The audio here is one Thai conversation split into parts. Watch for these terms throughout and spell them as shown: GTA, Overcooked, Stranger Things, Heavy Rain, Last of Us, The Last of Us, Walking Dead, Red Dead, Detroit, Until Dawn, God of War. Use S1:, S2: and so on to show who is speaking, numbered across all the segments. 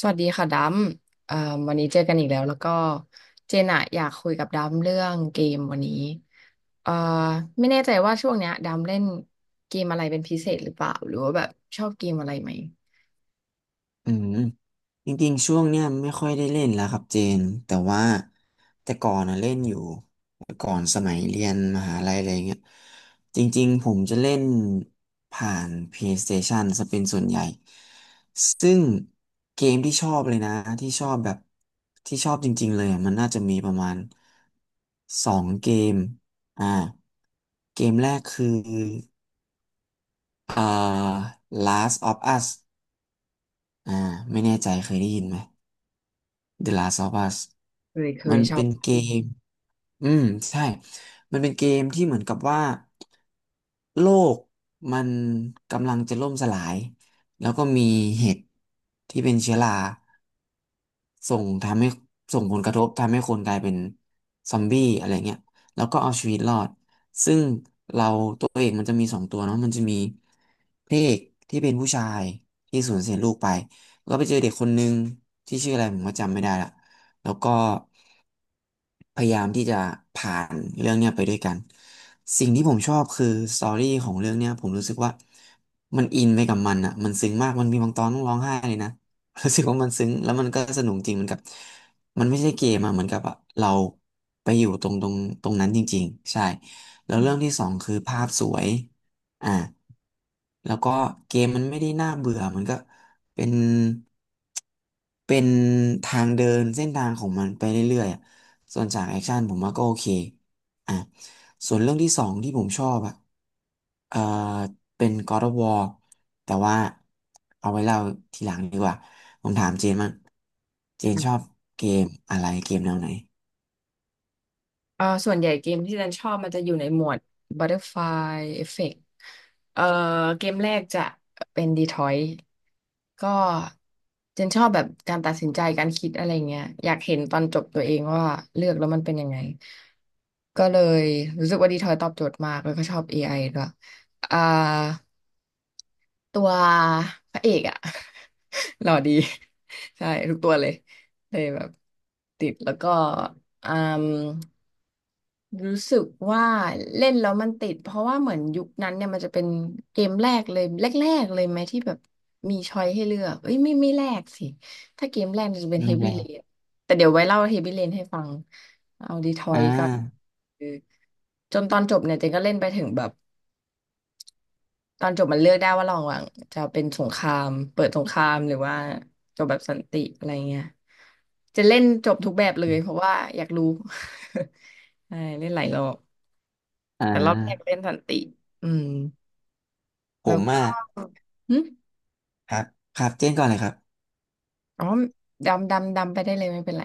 S1: สวัสดีค่ะดัมเอ่อวันนี้เจอกันอีกแล้วแล้วก็เจนอะอยากคุยกับดัมเรื่องเกมวันนี้เอ่อไม่แน่ใจว่าช่วงเนี้ยดัมเล่นเกมอะไรเป็นพิเศษหรือเปล่าหรือว่าแบบชอบเกมอะไรไหม
S2: อืมจริงๆช่วงเนี้ยไม่ค่อยได้เล่นแล้วครับเจนแต่ว่าแต่ก่อนอะเล่นอยู่แต่ก่อนสมัยเรียนมหาลัยอะไรเงี้ยจริงๆผมจะเล่นผ่าน PlayStation ซะเป็นส่วนใหญ่ซึ่งเกมที่ชอบเลยนะที่ชอบแบบที่ชอบจริงๆเลยอะมันน่าจะมีประมาณสองเกมอ่าเกมแรกคืออ่า Last of Us อ่าไม่แน่ใจเคยได้ยินไหม The Last of Us
S1: เคยเค
S2: มั
S1: ย
S2: น
S1: ชอ
S2: เป็
S1: บ
S2: นเกม อืมใช่ มันเป็นเกมที่เหมือนกับว่าโลกมันกำลังจะล่มสลาย แล้วก็มีเห็ดที่เป็นเชื้อรา ส่งทำให้ส่งผลกระทบทำให้คนกลายเป็นซอมบี้อะไรเงี้ยแล้วก็เอาชีวิตรอดซึ่งเราตัวเอกมันจะมีสองตัวเนาะมันจะมีพระเอกที่เป็นผู้ชายที่สูญเสียลูกไปก็ไปเจอเด็กคนนึงที่ชื่ออะไรผมก็จำไม่ได้ละแล้วก็ พยายามที่จะผ่านเรื่องเนี้ยไปด้วยกันสิ่งที่ผมชอบคือสตอรี่ของเรื่องเนี้ยผมรู้สึกว่ามันอินไปกับมันอ่ะมันซึ้งมากมันมีบางตอนต้องร้องไห้เลยนะ รู้สึกว่ามันซึ้งแล้วมันก็สนุกจริงเหมือนกับมันไม่ใช่เกมอะเหมือนกับอะเราไปอยู่ตรงนั้นจริงๆใช่แล้วเรื่องที่สองคือภาพสวยอ่าแล้วก็เกมมันไม่ได้น่าเบื่อมันก็เป็นเป็นทางเดินเส้นทางของมันไปเรื่อย ส่วนฉากแอคชั่นผมว่าก็โอเคอ่ะส่วนเรื่องที่สองที่ผมชอบอ่ะเอ่อเป็น God of War แต่ว่าเอาไว้เล่าทีหลังดีกว่า ผมถามเจนมั่งเจนชอบเกมอะไรเกมแนวไหน
S1: ส่วนใหญ่เกมที่ดันชอบมันจะอยู่ในหมวด Butterfly Effect เอ่อเกมแรกจะเป็น Detroit ก็ดันชอบแบบการตัดสินใจการคิดอะไรเงี้ยอยากเห็นตอนจบตัวเองว่าเลือกแล้วมันเป็นยังไงก็เลยรู้สึกว่า Detroit ตอบโจทย์มากแล้วก็ชอบ AI ด้วยอ่าตัวพระเอกอะ หล่อดีใช่ทุกตัวเลยเลยแบบติดแล้วก็อืม รู้สึกว่าเล่นแล้วมันติดเพราะว่าเหมือนยุคนั้นเนี่ยมันจะเป็นเกมแรกเลยแรกๆเลยไหมที่แบบมีช้อยให้เลือกเอ้ยไม่แรกสิถ้าเกมแรกมันจะเป็น
S2: ไม่
S1: Heavy
S2: แย่
S1: Rain แต่เดี๋ยวไว้เล่า Heavy Rain ให้ฟังเอาดีทอ
S2: อ่
S1: ยก็
S2: า
S1: คือจนตอนจบเนี่ยเจนก็เล่นไปถึงแบบตอนจบมันเลือกได้ว่าระหว่างจะเป็นสงครามเปิดสงครามหรือว่าจบแบบสันติอะไรเงี้ยจะเล่นจบทุกแบบเลยเพราะว่าอยากรู้ ใช่เล่นหลายรอบ
S2: อ่
S1: แต่รอบแรกเล่
S2: า
S1: นสันติ อืม
S2: ผ
S1: แล้ว
S2: มอ่ะ
S1: ก็หึ
S2: ครับครับเจนก่อนเลยครับ
S1: อ๋อดำ ดำ ดำไปได้เลยไม่เป็นไร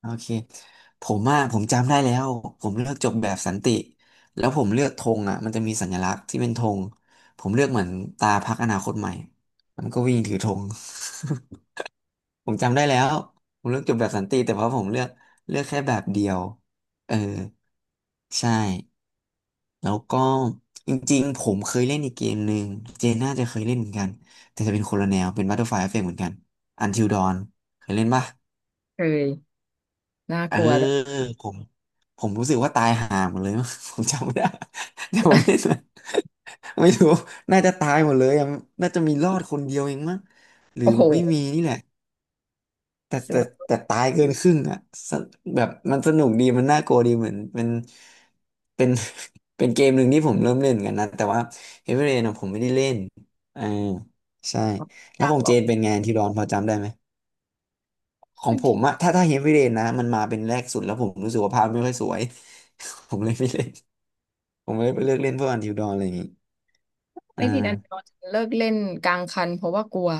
S2: โอเคผมอ่ะผมจำได้แล้วผมเลือกจบแบบสันติแล้วผมเลือกธงอ่ะมันจะมีสัญลักษณ์ที่เป็นธงผมเลือกเหมือนตาพรรคอนาคตใหม่มันก็วิ่งถือธง ผมจำได้แล้วผมเลือกจบแบบสันติแต่เพราะผมเลือกเลือกแค่แบบเดียวเออใช่แล้วก็จริงๆผมเคยเล่นอีกเกมหนึ่งเจนน่าจะเคยเล่นเหมือนกันแต่จะเป็นคนละแนวเป็น Butterfly Effect เหมือนกัน Until Dawn เคยเล่นปะ
S1: เคยน่า
S2: เอ
S1: ก
S2: อ
S1: ลัวด้วย
S2: ผมผมรู้สึกว่าตายห่าหมดเลย ผมจำไม่ได้ แต่ผมเล่นนะไม่รู้น่าจะตายหมดเลยอะน่าจะมีรอดคนเดียวเองมั้งหรือ
S1: โอ้โห
S2: ไม่มีนี่แหละแต่
S1: ส
S2: แต่
S1: บาย
S2: แต่ตายเกินครึ่งอ่ะสแบบมันสนุกดีมันน่ากลัวดีเหมือนเป็นเป็น เป็นเกมหนึ่งที่ผมเริ่มเล่นกันนะแต่ว่าเฮ a วีเรนผมไม่ได้เล่นอ่าใช่แล้ว
S1: ยา
S2: ข
S1: ก
S2: อง
S1: หร
S2: เจ
S1: อก
S2: นเป็นไงที่ร้อนพอจำได้ไหม ขอ
S1: อั
S2: ง
S1: น
S2: ผม
S1: ที่
S2: อะถ้าเฮฟวีเรนนะมันมาเป็นแรกสุดแล้วผมรู้สึกว่าภาพไม่ค่อยสวย ผมเลยไม่เล่นผมเลยไปเลือกเล่นพวกอันทิวดอนอะไรอย่างงี้อ่
S1: ไม่ผิดอัน
S2: า
S1: เราจะเลิกเล่นกลางคันเพราะว่ากลัว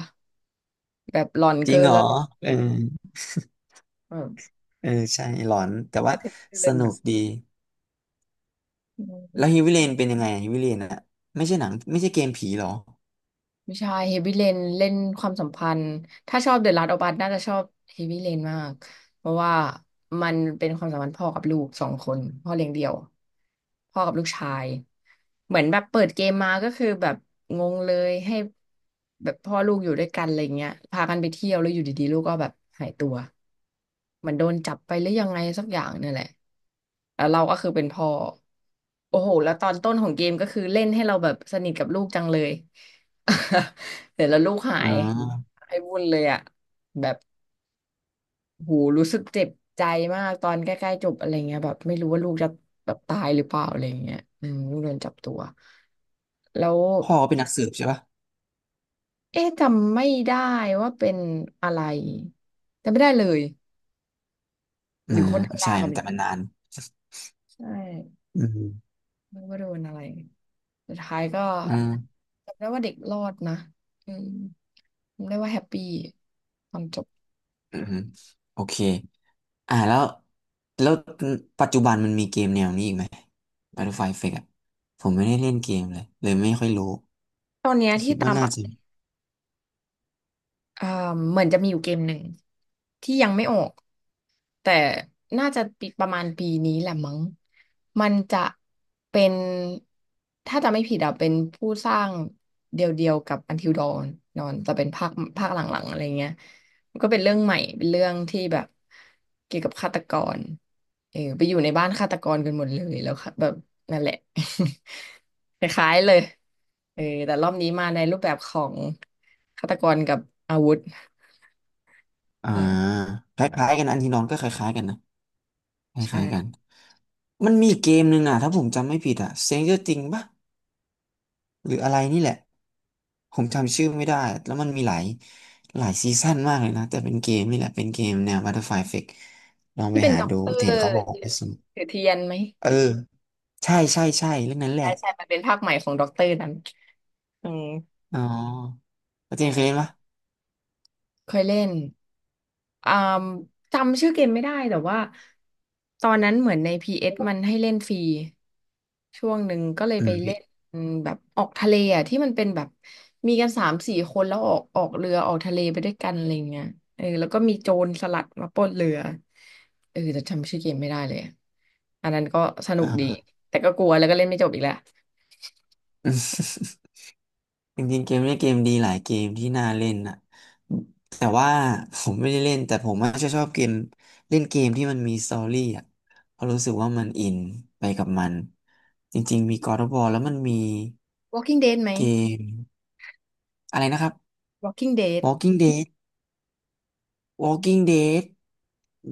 S1: แบบหลอน
S2: จริ
S1: เกิ
S2: ง
S1: น
S2: เหร
S1: แล้
S2: อ
S1: วแบ
S2: เออ
S1: บ
S2: เออใช่หลอนแต่
S1: จะ
S2: ว่า
S1: ถึงเกิ
S2: ส
S1: น
S2: นุ
S1: อ่ะ
S2: กดี
S1: อื
S2: แล้ว
S1: ม
S2: เฮฟวีเรนเป็นยังไงเฮฟวเรนอะไม่ใช่หนังไม่ใช่เกมผีเหรอ
S1: ไม่ใช่เฮฟวี่เลนเล่นความสัมพันธ์ถ้าชอบเดอะลาสต์ออัสน่าจะชอบเฮฟวี่เลนมากเพราะว่ามันเป็นความสัมพันธ์พ่อกับลูกสองคนพ่อเลี้ยงเดี่ยวพ่อกับลูกชายเหมือนแบบเปิดเกมมาก็คือแบบงงเลยให้แบบพ่อลูกอยู่ด้วยกันอะไรเงี้ยพากันไปเที่ยวแล้วอยู่ดีๆลูกก็แบบหายตัวเหมือนโดนจับไปหรือยังไงสักอย่างเนี่ยแหละแล้วเราก็คือเป็นพ่อโอ้โหแล้วตอนต้นของเกมก็คือเล่นให้เราแบบสนิทกับลูกจังเลย เสร็จแล้วลูกหา
S2: อ๋
S1: ย
S2: อ
S1: หายวุ่นเลยอ่ะแบบหูรู้สึกเจ็บใจมากตอนใกล้ๆจบอะไรเงี้ยแบบไม่รู้ว่าลูกจะแบบตายหรือเปล่าอะไรเงี้ยอืมลูกโดนจับตัวแล้ว
S2: พ่อเป็นนักสืบใช่ปะ
S1: เอ๊ะจำไม่ได้ว่าเป็นอะไรจำไม่ได้เลยห
S2: อ่า
S1: รือคนธรรมดา
S2: ใช่
S1: กันไ
S2: แต่มันนาน
S1: ใช่
S2: อืม
S1: ไม่รู้ว่าโดนอะไรสุดท้ายก็
S2: อืม
S1: จำได้ว่าเด็กรอดนะอืมจำได้ว่าแฮปปี้ตอนจบ
S2: อืมโอเค อ่าแล้วแล้วปัจจุบันมันมีเกมแนวนี้อีกไหม Battlefield Effect อ่ะผมไม่ได้เล่นเกมเลยเลยไม่ค่อยรู้
S1: ตอนเนี้ย
S2: แต่
S1: ที่
S2: คิด
S1: ตา
S2: ว่า
S1: ม
S2: น่า
S1: อะ
S2: จะมี
S1: เอ่อเหมือนจะมีอยู่เกมหนึ่งที่ยังไม่ออกแต่น่าจะปีประมาณปีนี้แหละมั้งมันจะเป็นถ้าจะไม่ผิดอะเป็นผู้สร้างเดียวๆกับ Until Dawn นอนจะเป็นภาคภาคหลังๆอะไรเงี้ยมันก็เป็นเรื่องใหม่เป็นเรื่องที่แบบเกี่ยวกับฆาตกร เออไปอยู่ในบ้านฆาตกรกันหมดเลยแล้วค่ะแบบนั่นแหละ คล้ายๆเลยเออแต่รอบนี้มาในรูปแบบของฆาตกรกับอาวุธ
S2: อ่า
S1: ใช่
S2: คล้ายๆกันอันที่น้องก็คล้ายๆกันนะคล้ายๆกัน
S1: ใช่
S2: มันมีเกมหนึ่งอ่ะถ้าผมจำไม่ผิดอ่ะ Stranger Things ป่ะหรืออะไรนี่แหละผมจำชื่อไม่ได้แล้วมันมีหลายซีซั่นมากเลยนะแต่เป็นเกมนี่แหละเป็นเกมแนว Battlefield Effect ลอง
S1: ที่
S2: ไป
S1: เป็น
S2: หา
S1: ด็อก
S2: ดู
S1: เตอร์
S2: เห็นเขาบอก
S1: ยืน
S2: ว่าสนุก
S1: ถือเทียนไหม
S2: เออใช่ใช่ใช่เรื่องนั้นแห
S1: ใช่
S2: ละ
S1: ใช่มันเป็นภาคใหม่ของด็อกเตอร์นั้นอืม
S2: อ๋อ แล้วเจ
S1: เอ
S2: นเคย
S1: อ
S2: เล่นปะ
S1: เคยเล่นอ่าจำชื่อเกมไม่ได้แต่ว่าตอนนั้นเหมือนใน PS มันให้เล่นฟรี ช่วงหนึ่งก็เลย
S2: อื
S1: ไป
S2: ม
S1: เล่
S2: พี่
S1: นแบบออกทะเลอ่ะที่มันเป็นแบบมีกันสามสี่คนแล้วออกเรือออกทะเลไปด้วยกันอะไรเงี้ยเออแล้วก็มีโจรสลัดมาปล้นเรือเออแต่จำชื่อเกมไม่ได้เลยอะอันนั้นก็สนุกดี
S2: อ่า
S1: แต่ก็กลัวแล้วก็เล่นไม่จบอีกแล้ว
S2: จริงๆเกมนี้เกมดีหลายเกมที่น่าเล่นนะแต่ว่า ผมไม่ได้เล่นแต่ผมอาจะชอบเกมเล่นเกมที่มันมีสตอรี่อ่ะเพราะรู้สึกว่ามันอินไปกับมันจริงๆมี God of War แล้วมันมี
S1: Walking Dead ไหม
S2: เกมอะไรนะครับ
S1: Walking Dead
S2: Walking Dead Walking Dead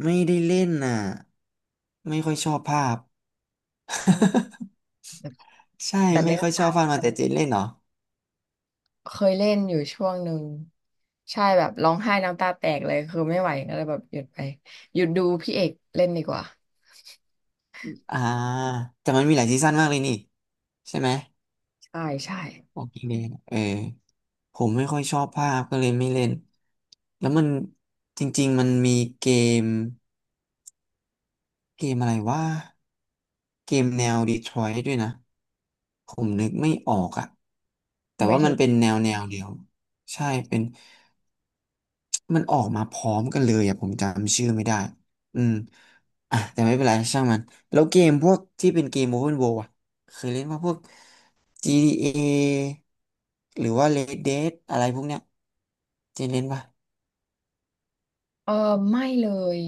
S2: ไม่ได้เล่นน่ะไม่ค่อยชอบภาพ
S1: อืม
S2: ใช่
S1: แต่
S2: ไม่
S1: เนื้อ
S2: ค่อยชอบ
S1: หา
S2: ภาพมาแต่เจนเล่นเหรอ
S1: เคยเล่นอยู่ช่วงหนึ่งใช่แบบร้องไห้น้ำตาแตกเลยคือไม่ไหวก็เลยแบบหยุดไปหยุดดูพี่เอกเล่นดีกว่า
S2: อ่าแต่มันมีหลายซีซั่นมากเลยนี่ใช่ไหม
S1: ใช่ใช่
S2: โอเคเลยเออผมไม่ค่อยชอบภาพก็เลยไม่เล่นแล้วมันจริงๆมันมีเกมเกมอะไรว่าเกมแนวดีทรอย t ์ด้วยนะผมนึกไม่ออกอะแต่
S1: หมาย
S2: ว่า
S1: ถึ
S2: มั
S1: ง
S2: นเป็นแนวเดียวใช่เป็น มันออกมาพร้อมกันเลยอ่ะผมจำชื่อไม่ได้ อืม อ่ะแต่ไม่เป็นไรช่างมันแล้วเกมพวกที่เป็นเกม Open World อ่ะเคยเล่นว่าพวก GTA หรือว่า Red Dead อะไรพวกเนี้ยเคยเล่นป่ะ
S1: เออไม่เลย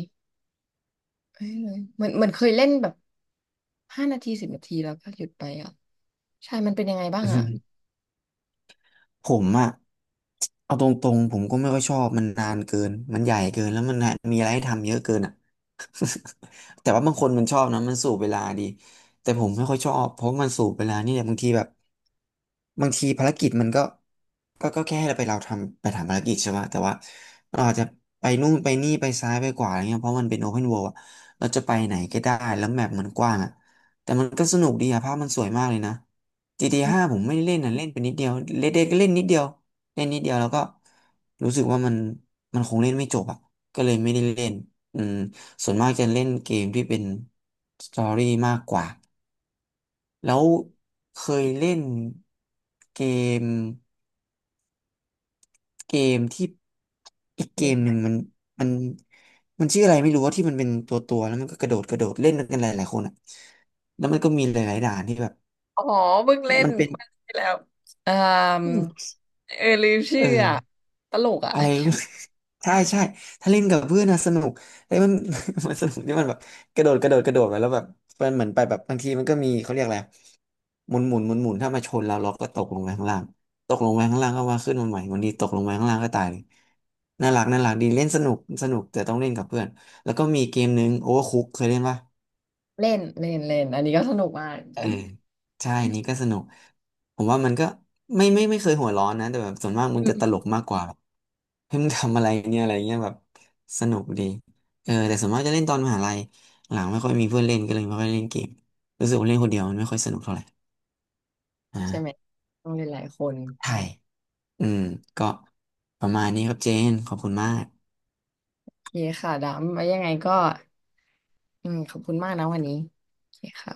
S1: ไม่เลยเหมือนเคยเล่นแบบห้านาทีสิบนาทีแล้วก็หยุดไปอ่ะใช่มันเป็นยังไงบ้างอ่ะ
S2: ผมอะเอาตรงๆผมก็ไม่ค่อยชอบมันนานเกินมันใหญ่เกินแล้วมันมีอะไรให้ทำเยอะเกินอะ แต่ว่าบางคนมันชอบนะมันสูบเวลาดีแต่ผมไม่ค่อยชอบเพราะมันสูบเวลานี่แหละบางทีแบบบางทีภารกิจมันก็ก็แค่ให้เราไปเราทำไปทำภารกิจใช่ไหมแต่ว่าเราอาจจะไปนู่นไปนี่ไปซ้ายไปขวาอะไรเงี้ยเพราะมันเป็นโอเพนเวิลด์อะเราจะไปไหนก็ได้แล้วแมปมันกว้างอะ แต่มันก็สนุกดีอะภาพมันสวยมากเลยนะ GTA 5ผมไม่ได้เล่นนะเล่นไปนิดเดียวเ e d Dead กก็เล่นนิดเดียวเล่นนิดเดียวแล้วก็รู้สึกว่ามันคงเล่นไม่จบอะก็เลยไม่ได้เล่นอืมส่วนมากจะเล่นเกมที่เป็นสตอรี่มากกว่าแล้วเคยเล่นเกมเกมที่อีกเก
S1: เรื่อง
S2: ม
S1: อะ
S2: ห
S1: ไร
S2: นึ่งมันมันมันชื่ออะไรไม่รู้ว่าที่มันเป็นตัวตัวแล้วมันก็กระโดดกระโดดเล่นกันหลายหลายคนอะแล้วมันก็มีหลายๆด่านที่แบบ
S1: อ๋อเพิ่งเล่น
S2: มันเป็น
S1: เมื่อที่แล้วเอ่มเออลืมชื่
S2: เอ
S1: ออ่ะ
S2: อ
S1: ตลกอ่ะ
S2: อะไร
S1: เกมนั้น
S2: ใช่ใช่ถ้าเล่นกับเพื่อนนะสนุกไอ้มัน มันสนุกที่มันแบบกระโดดกระโดดกระโดดไปแล้วแบบมันเหมือนไปแบบบางทีมันก็มีเขาเรียกอะไรหมุนหมุนหมุนหมุนถ้ามาชนเราเราก็ตกลงไปข้างล่างตกลงไปข้างล่างก็ว่าขึ้นมาใหม่วันนี้ตกลงไปข้างล่างก็ตายเลยน่ารักน่ารักดีเล่นสนุกสนุกแต่ต้องเล่นกับเพื่อนแล้วก็มีเกมนึงโอเวอร์คุกเคยเล่นปะ
S1: เล่นเล่นเล่นอันนี้ก็สนุกมาก
S2: เออใช่นี่ก็สนุกผมว่ามันก็ไม่เคยหัวร้อนนะแต่แบบส่วนมากมัน
S1: อื
S2: จะตล
S1: ม
S2: กมากกว่าแบบเพมึงทำอะไรเนี่ยอะไรเงี้ยแบบสนุกดีเออแต่ส่วนมากจะเล่นตอนมหาลัยหลังไม่ค่อยมีเพื่อนเล่นก็เลยไม่ค่อยเล่นเกมรู้สึกว่าเล่นคนเดียวมันไม่ค่อยสนุกเท่าไหร่
S1: ใช่ไหม
S2: อ่า
S1: ต้องเล่นหลายคน
S2: ใช่อืมก็ประมาณนี้ครับเจนขอบคุณมาก
S1: โอเคค่ะดำไว้ยังไงก็อืมขอบคุณมากนะวันนี้โอเคค่ะ